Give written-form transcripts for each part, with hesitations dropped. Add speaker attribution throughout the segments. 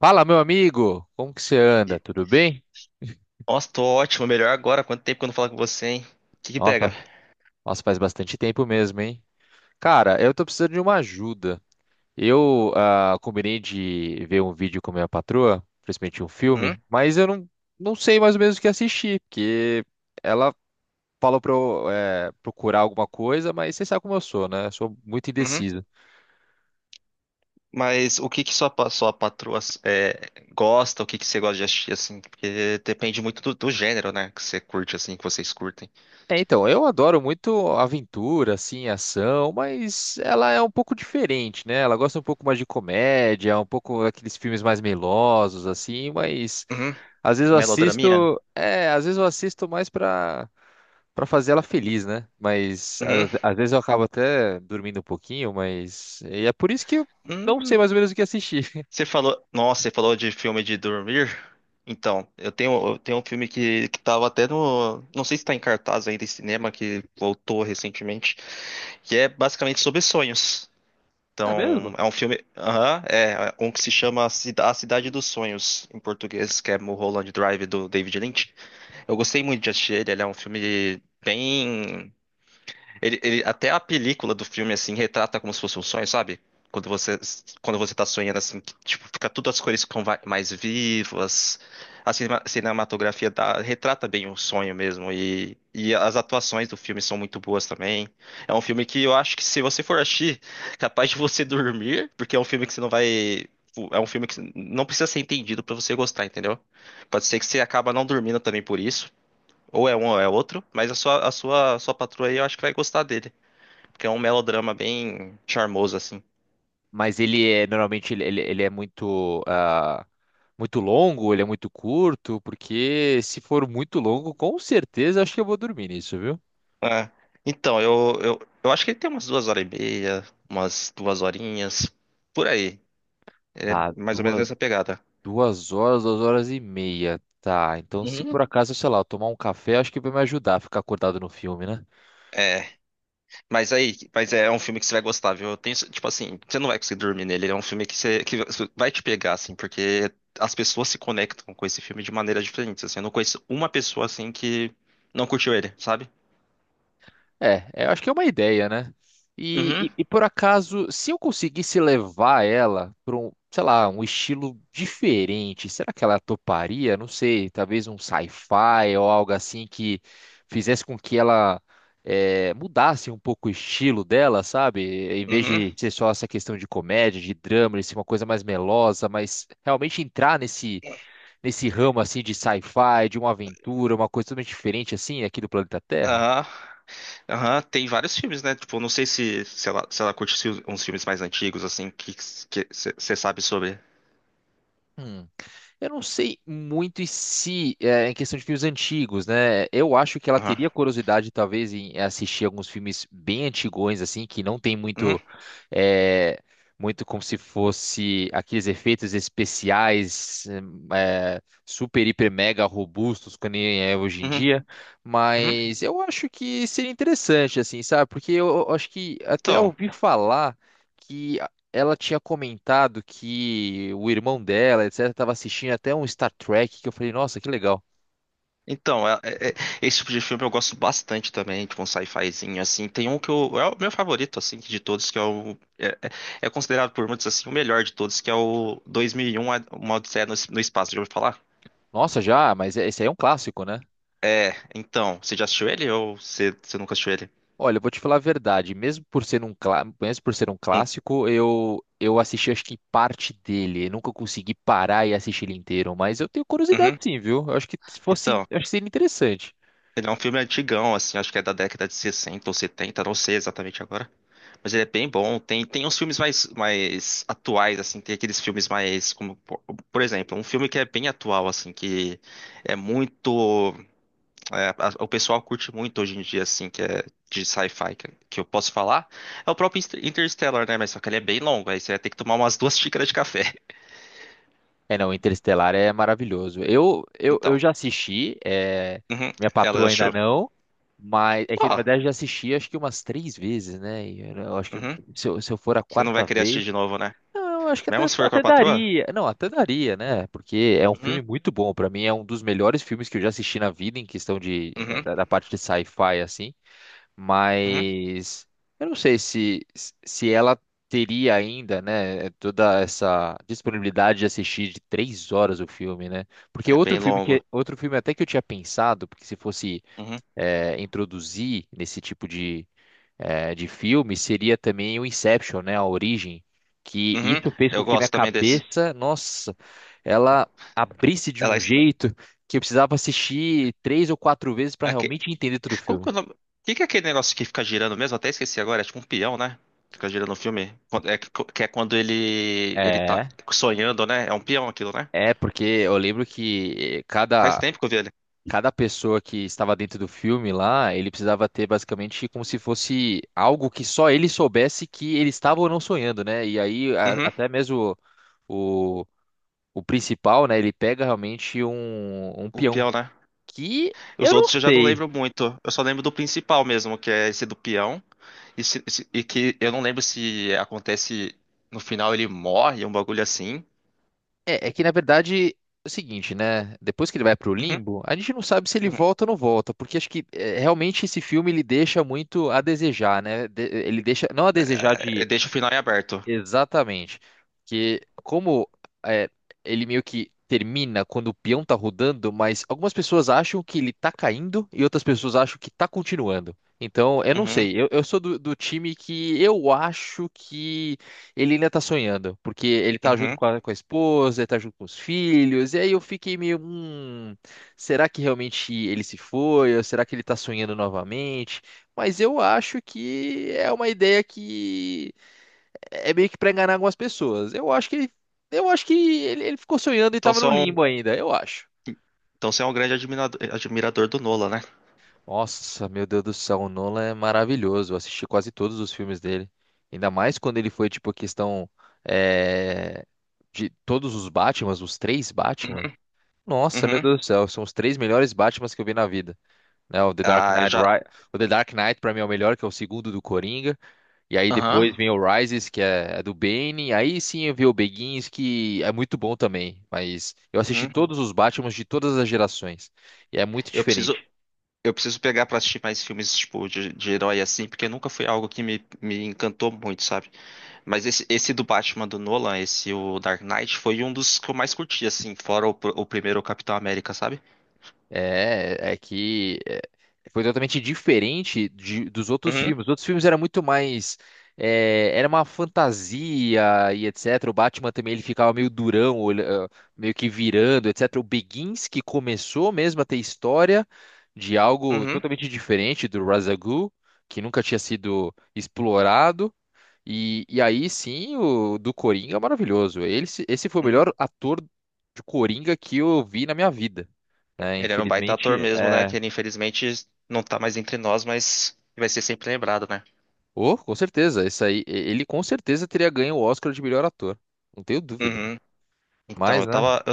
Speaker 1: Fala, meu amigo! Como que você anda?
Speaker 2: E-
Speaker 1: Tudo bem?
Speaker 2: Nossa, tô ótimo, melhor agora. Quanto tempo que eu não falo com você, hein? O que que pega?
Speaker 1: Nossa, nossa, faz bastante tempo mesmo, hein? Cara, eu tô precisando de uma ajuda. Eu combinei de ver um vídeo com minha patroa, principalmente um
Speaker 2: Hum?
Speaker 1: filme, mas eu não, não sei mais ou menos o que assistir, porque ela falou pra eu procurar alguma coisa, mas você sabe como eu sou, né? Eu sou muito
Speaker 2: Uhum.
Speaker 1: indeciso.
Speaker 2: Mas o que que sua, sua patroa gosta? O que que você gosta de assistir, assim? Porque depende muito do gênero, né? Que você curte, assim, que vocês curtem.
Speaker 1: É, então, eu adoro muito aventura, assim, ação, mas ela é um pouco diferente, né? Ela gosta um pouco mais de comédia, um pouco daqueles filmes mais melosos, assim, mas
Speaker 2: Uhum.
Speaker 1: às vezes eu
Speaker 2: Melodraminha?
Speaker 1: assisto, é, às vezes eu assisto mais pra, pra fazer ela feliz, né? Mas às,
Speaker 2: Uhum.
Speaker 1: às vezes eu acabo até dormindo um pouquinho, mas e é por isso que eu não sei
Speaker 2: Hum.
Speaker 1: mais ou menos o que assistir.
Speaker 2: Nossa, você falou de filme de dormir? Então, eu tenho um filme que tava até Não sei se tá em cartaz ainda em cinema, que voltou recentemente. Que é basicamente sobre sonhos.
Speaker 1: Não é
Speaker 2: Então,
Speaker 1: mesmo?
Speaker 2: é um filme. Aham, é. Um que se chama A Cidade dos Sonhos, em português, que é Mulholland Drive, do David Lynch. Eu gostei muito de assistir ele. Ele é um filme bem. Ele até a película do filme, assim, retrata como se fosse um sonho, sabe? Quando você, quando você tá sonhando, assim, que, tipo, fica tudo as cores ficam mais vivas. A cinematografia retrata bem o sonho mesmo. E as atuações do filme são muito boas também. É um filme que eu acho que, se você for assistir, capaz de você dormir, porque é um filme que você não vai. É um filme que não precisa ser entendido pra você gostar, entendeu? Pode ser que você acaba não dormindo também por isso. Ou é um ou é outro, mas a sua patroa aí eu acho que vai gostar dele. Porque é um melodrama bem charmoso, assim.
Speaker 1: Mas ele é normalmente ele é muito muito longo, ele é muito curto, porque se for muito longo, com certeza acho que eu vou dormir nisso, viu?
Speaker 2: É. Então, eu acho que ele tem umas duas horas e meia, umas duas horinhas, por aí. Ele
Speaker 1: Tá,
Speaker 2: é mais ou menos
Speaker 1: duas,
Speaker 2: nessa pegada.
Speaker 1: duas horas e meia. Tá, então se por
Speaker 2: Uhum.
Speaker 1: acaso, sei lá, eu tomar um café, acho que vai me ajudar a ficar acordado no filme, né?
Speaker 2: É, mas aí, mas é um filme que você vai gostar, viu? Eu tenho, tipo assim, você não vai conseguir dormir nele, ele é um filme que você, que vai te pegar, assim, porque as pessoas se conectam com esse filme de maneiras diferentes, assim. Eu não conheço uma pessoa, assim, que não curtiu ele, sabe?
Speaker 1: É, é, eu acho que é uma ideia, né?
Speaker 2: Uhum,
Speaker 1: E por acaso, se eu conseguisse levar ela para um, sei lá, um estilo diferente, será que ela toparia? Não sei, talvez um sci-fi ou algo assim que fizesse com que ela mudasse um pouco o estilo dela, sabe? Em vez
Speaker 2: uhum.
Speaker 1: de ser só essa questão de comédia, de drama, de ser uma coisa mais melosa, mas realmente entrar nesse ramo assim de sci-fi, de uma aventura, uma coisa totalmente diferente assim aqui do planeta Terra.
Speaker 2: Aham, aham, tem vários filmes, né? Tipo, não sei se ela curte uns filmes mais antigos, assim, que você sabe sobre.
Speaker 1: Hum. Eu não sei muito e se é, em questão de filmes antigos, né? Eu acho que ela
Speaker 2: Aham.
Speaker 1: teria curiosidade, talvez, em assistir alguns filmes bem antigões, assim, que não tem
Speaker 2: Uhum,
Speaker 1: muito, é, muito como se fosse aqueles efeitos especiais, é, super, hiper, mega robustos, que nem é hoje em
Speaker 2: uhum,
Speaker 1: dia.
Speaker 2: uhum.
Speaker 1: Mas eu acho que seria interessante, assim, sabe? Porque eu acho que até
Speaker 2: Então,
Speaker 1: ouvi falar que ela tinha comentado que o irmão dela, etc, estava assistindo até um Star Trek, que eu falei, nossa, que legal.
Speaker 2: então, esse tipo de filme eu gosto bastante também, tipo um sci-fizinho, assim. Tem um que eu, é o meu favorito, assim, de todos, que é o. É é considerado por muitos, assim, o melhor de todos, que é o 2001, Uma Odisseia no Espaço, já ouviu falar?
Speaker 1: Nossa, já, mas é, esse aí é um clássico, né?
Speaker 2: É, então, você já assistiu ele, ou você nunca assistiu ele?
Speaker 1: Olha, eu vou te falar a verdade, mesmo por ser um, mesmo por ser um
Speaker 2: Hum.
Speaker 1: clássico, eu assisti acho que parte dele, eu nunca consegui parar e assistir ele inteiro, mas eu tenho curiosidade
Speaker 2: Uhum.
Speaker 1: sim, viu? Eu acho que se fosse,
Speaker 2: Então.
Speaker 1: eu acho que seria interessante.
Speaker 2: Ele é um filme antigão, assim, acho que é da década de 60 ou 70, não sei exatamente agora. Mas ele é bem bom. Tem uns filmes mais atuais, assim, tem aqueles filmes mais, como, por exemplo, um filme que é bem atual, assim, que é muito, o pessoal curte muito hoje em dia, assim, que é de sci-fi, que eu posso falar, é o próprio Interstellar, né? Mas só que ele é bem longo, aí você vai ter que tomar umas duas xícaras de café.
Speaker 1: É, não, Interestelar é maravilhoso. Eu
Speaker 2: Então,
Speaker 1: já assisti, é,
Speaker 2: uhum,
Speaker 1: minha
Speaker 2: ela já
Speaker 1: patroa ainda
Speaker 2: achou?
Speaker 1: não, mas é que na
Speaker 2: Ó,
Speaker 1: verdade eu já assisti acho que umas três vezes, né? E eu acho que
Speaker 2: uhum,
Speaker 1: se eu for a
Speaker 2: você não vai
Speaker 1: quarta
Speaker 2: querer assistir
Speaker 1: vez,
Speaker 2: de novo, né?
Speaker 1: não, eu acho que
Speaker 2: Mesmo
Speaker 1: até,
Speaker 2: se for com a
Speaker 1: até
Speaker 2: patroa?
Speaker 1: daria. Não, até daria, né? Porque é um
Speaker 2: Uhum.
Speaker 1: filme muito bom. Pra mim é um dos melhores filmes que eu já assisti na vida em questão de é,
Speaker 2: Uhum.
Speaker 1: da, da parte de sci-fi assim.
Speaker 2: Uhum.
Speaker 1: Mas eu não sei se, se ela teria ainda, né, toda essa disponibilidade de assistir de três horas o filme, né? Porque
Speaker 2: É bem
Speaker 1: outro filme
Speaker 2: longo.
Speaker 1: que outro filme até que eu tinha pensado, porque se fosse
Speaker 2: Uhum.
Speaker 1: introduzir nesse tipo de, de filme, seria também o Inception, né, a origem, que
Speaker 2: Uhum.
Speaker 1: isso fez
Speaker 2: Eu
Speaker 1: com que minha
Speaker 2: gosto também desse.
Speaker 1: cabeça, nossa, ela abrisse de
Speaker 2: Ela.
Speaker 1: um jeito que eu precisava assistir três ou quatro vezes para
Speaker 2: Aque-
Speaker 1: realmente entender todo o
Speaker 2: Como que
Speaker 1: filme.
Speaker 2: é o nome? Que é aquele negócio que fica girando mesmo? Até esqueci agora. É tipo um peão, né? Fica girando no filme. É, que é quando ele tá
Speaker 1: É.
Speaker 2: sonhando, né? É um peão aquilo, né?
Speaker 1: É, porque eu lembro que
Speaker 2: Faz tempo que eu vi ele.
Speaker 1: cada pessoa que estava dentro do filme lá, ele precisava ter basicamente como se fosse algo que só ele soubesse que ele estava ou não sonhando, né? E aí,
Speaker 2: Uhum.
Speaker 1: até mesmo o, o principal, né, ele pega realmente um, um
Speaker 2: O
Speaker 1: peão.
Speaker 2: peão, né?
Speaker 1: Que
Speaker 2: Os
Speaker 1: eu não
Speaker 2: outros eu já não
Speaker 1: sei.
Speaker 2: lembro muito. Eu só lembro do principal mesmo, que é esse do peão. E que eu não lembro se acontece, no final ele morre, um bagulho assim.
Speaker 1: É, é que na verdade é o seguinte, né? Depois que ele vai pro
Speaker 2: Uhum.
Speaker 1: limbo, a gente não sabe se ele
Speaker 2: Uhum.
Speaker 1: volta ou não volta, porque acho que é, realmente esse filme ele deixa muito a desejar, né? Ele deixa não a desejar
Speaker 2: É,
Speaker 1: de.
Speaker 2: deixa o final em aberto.
Speaker 1: Exatamente. Que como é, ele meio que termina quando o peão tá rodando, mas algumas pessoas acham que ele tá caindo e outras pessoas acham que tá continuando. Então, eu não
Speaker 2: Uhum.
Speaker 1: sei. Eu sou do, do time que eu acho que ele ainda tá sonhando. Porque ele tá junto
Speaker 2: Uhum.
Speaker 1: com a esposa, ele tá junto com os filhos. E aí eu fiquei meio, será que realmente ele se foi? Ou será que ele tá sonhando novamente? Mas eu acho que é uma ideia que é meio que pra enganar algumas pessoas. Eu acho que ele ficou sonhando e
Speaker 2: Então
Speaker 1: tava
Speaker 2: você é
Speaker 1: no
Speaker 2: um,
Speaker 1: limbo ainda, eu acho.
Speaker 2: então você é um grande admirador do Nolan, né?
Speaker 1: Nossa, meu Deus do céu, o Nolan é maravilhoso. Eu assisti quase todos os filmes dele. Ainda mais quando ele foi, tipo, a questão é, de todos os Batmans, os três Batman.
Speaker 2: Uhum,
Speaker 1: Nossa, meu
Speaker 2: uhum.
Speaker 1: Deus do céu, são os três melhores Batmans que eu vi na vida, né?
Speaker 2: Ah, eu já.
Speaker 1: O The Dark Knight pra mim é o melhor, que é o segundo do Coringa. E aí
Speaker 2: Aham.
Speaker 1: depois vem o Rises, que é, é do Bane. Aí sim eu vi o Begins, que é muito bom também. Mas eu assisti
Speaker 2: Uhum.
Speaker 1: todos os Batmans de todas as gerações. E é muito
Speaker 2: Eu preciso,
Speaker 1: diferente.
Speaker 2: eu preciso pegar pra assistir mais filmes tipo de herói assim, porque nunca foi algo que me encantou muito, sabe? Mas esse do Batman do Nolan, esse o Dark Knight, foi um dos que eu mais curti, assim, fora o o primeiro Capitão América, sabe?
Speaker 1: É, é que é, foi totalmente diferente dos outros
Speaker 2: Uhum,
Speaker 1: filmes. Os outros filmes era muito mais, é, era uma fantasia e etc. O Batman também ele ficava meio durão, ah, meio que virando, etc. O Begins, que começou mesmo a ter história de algo
Speaker 2: uhum,
Speaker 1: totalmente diferente do Razagul, que nunca tinha sido explorado. E aí sim, o do Coringa é maravilhoso. Ele, se- esse foi o
Speaker 2: uhum.
Speaker 1: melhor ator de Coringa que eu vi na minha vida, né?
Speaker 2: Ele era um baita ator
Speaker 1: Infelizmente,
Speaker 2: mesmo, né?
Speaker 1: é.
Speaker 2: Que ele, infelizmente, não tá mais entre nós, mas vai ser sempre lembrado, né?
Speaker 1: Oh, com certeza. Esse aí, ele com certeza teria ganho o Oscar de melhor ator. Não tenho dúvida.
Speaker 2: Uhum. Então,
Speaker 1: Mas,
Speaker 2: eu
Speaker 1: né?
Speaker 2: tava,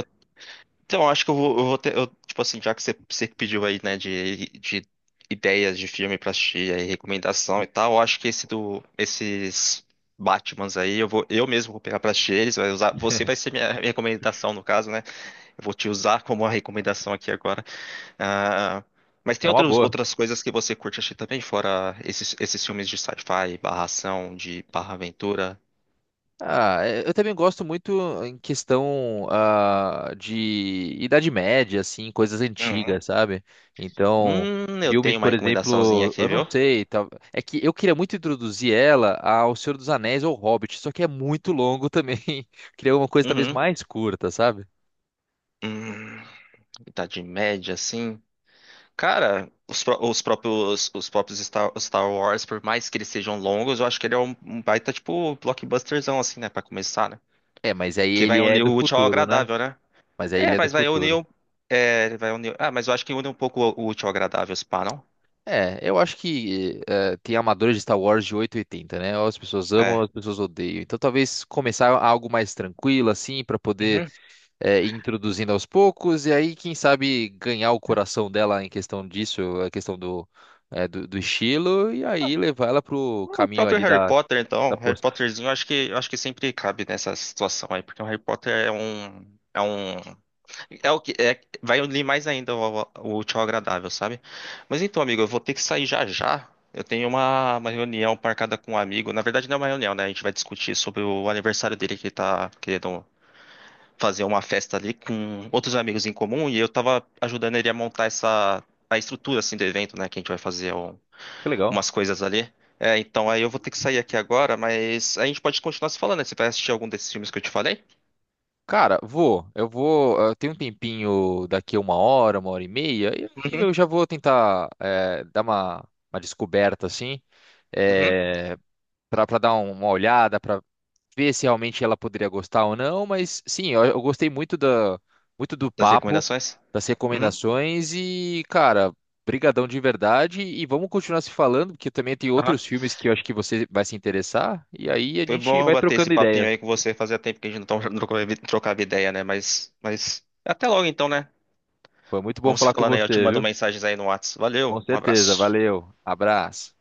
Speaker 2: Então, acho que eu vou ter. Eu, tipo assim, já que você que pediu aí, né, de ideias de filme pra assistir, aí, recomendação e tal, eu acho que esses Batmans aí, eu mesmo vou pegar pra assistir eles, você vai ser minha recomendação, no caso, né? Eu vou te usar como uma recomendação aqui agora. Ah, mas tem
Speaker 1: É uma boa.
Speaker 2: outras coisas que você curte assistir também, fora esses filmes de sci-fi, barra ação, de barra aventura?
Speaker 1: Ah, é, eu também gosto muito em questão de Idade Média, assim, coisas
Speaker 2: Uhum.
Speaker 1: antigas, sabe? Então,
Speaker 2: Eu
Speaker 1: filmes,
Speaker 2: tenho uma
Speaker 1: por
Speaker 2: recomendaçãozinha
Speaker 1: exemplo,
Speaker 2: aqui,
Speaker 1: eu não
Speaker 2: viu?
Speaker 1: sei, é que eu queria muito introduzir ela ao Senhor dos Anéis ou Hobbit, só que é muito longo também. Queria uma coisa talvez
Speaker 2: Uhum.
Speaker 1: mais curta, sabe?
Speaker 2: Hum. Idade Média, assim. Cara, os próprios Star Wars, por mais que eles sejam longos, eu acho que ele é um baita, tipo, blockbusterzão, assim, né? Pra começar, né?
Speaker 1: É, mas aí
Speaker 2: Porque vai
Speaker 1: ele é
Speaker 2: unir
Speaker 1: do
Speaker 2: o útil ao
Speaker 1: futuro, né?
Speaker 2: agradável, né?
Speaker 1: Mas aí ele
Speaker 2: É,
Speaker 1: é do
Speaker 2: mas vai unir.
Speaker 1: futuro.
Speaker 2: É, ele vai unir. Ah, mas eu acho que une um pouco o útil ao agradável, se pá, não?
Speaker 1: É, eu acho que tem amadores de Star Wars de oito e oitenta, né? Ou as pessoas amam, ou
Speaker 2: É.
Speaker 1: as pessoas odeiam. Então talvez começar algo mais tranquilo, assim, pra poder
Speaker 2: Uhum.
Speaker 1: ir introduzindo aos poucos, e aí, quem sabe, ganhar o coração dela em questão disso, a questão do, do estilo, e aí levar ela pro
Speaker 2: O
Speaker 1: caminho
Speaker 2: próprio
Speaker 1: ali
Speaker 2: Harry
Speaker 1: da,
Speaker 2: Potter,
Speaker 1: da
Speaker 2: então, Harry
Speaker 1: força.
Speaker 2: Potterzinho, eu acho que, sempre cabe nessa situação aí, porque o Harry Potter é o que é, vai unir mais ainda o útil ao agradável, sabe? Mas então, amigo, eu vou ter que sair já já. Eu tenho uma reunião marcada com um amigo. Na verdade, não é uma reunião, né? A gente vai discutir sobre o aniversário dele, que ele tá querendo fazer uma festa ali com outros amigos em comum. E eu tava ajudando ele a montar essa a estrutura, assim, do evento, né? Que a gente vai fazer
Speaker 1: Que legal.
Speaker 2: umas coisas ali. É, então aí eu vou ter que sair aqui agora, mas a gente pode continuar se falando, né? Você vai assistir algum desses filmes que eu te falei?
Speaker 1: Cara, vou. Eu vou. Eu tenho um tempinho daqui a uma hora e meia, e aí
Speaker 2: Uhum.
Speaker 1: eu já vou tentar dar uma descoberta, assim.
Speaker 2: Uhum.
Speaker 1: eh, Para dar uma olhada, para ver se realmente ela poderia gostar ou não, mas sim, eu gostei muito da, muito do
Speaker 2: Das
Speaker 1: papo,
Speaker 2: recomendações?
Speaker 1: das
Speaker 2: Uhum.
Speaker 1: recomendações e, cara, brigadão de verdade e vamos continuar se falando, porque também tem
Speaker 2: Aham.
Speaker 1: outros filmes que eu acho que você vai se interessar e aí a
Speaker 2: Foi
Speaker 1: gente
Speaker 2: bom
Speaker 1: vai
Speaker 2: bater esse
Speaker 1: trocando
Speaker 2: papinho
Speaker 1: ideias.
Speaker 2: aí com você. Fazia tempo que a gente não trocava ideia, né? Mas até logo então, né?
Speaker 1: Foi muito bom
Speaker 2: Vamos se
Speaker 1: falar com
Speaker 2: falando aí. Eu te
Speaker 1: você,
Speaker 2: mando
Speaker 1: viu?
Speaker 2: mensagens aí no WhatsApp.
Speaker 1: Com
Speaker 2: Valeu, um
Speaker 1: certeza,
Speaker 2: abraço.
Speaker 1: valeu, abraço.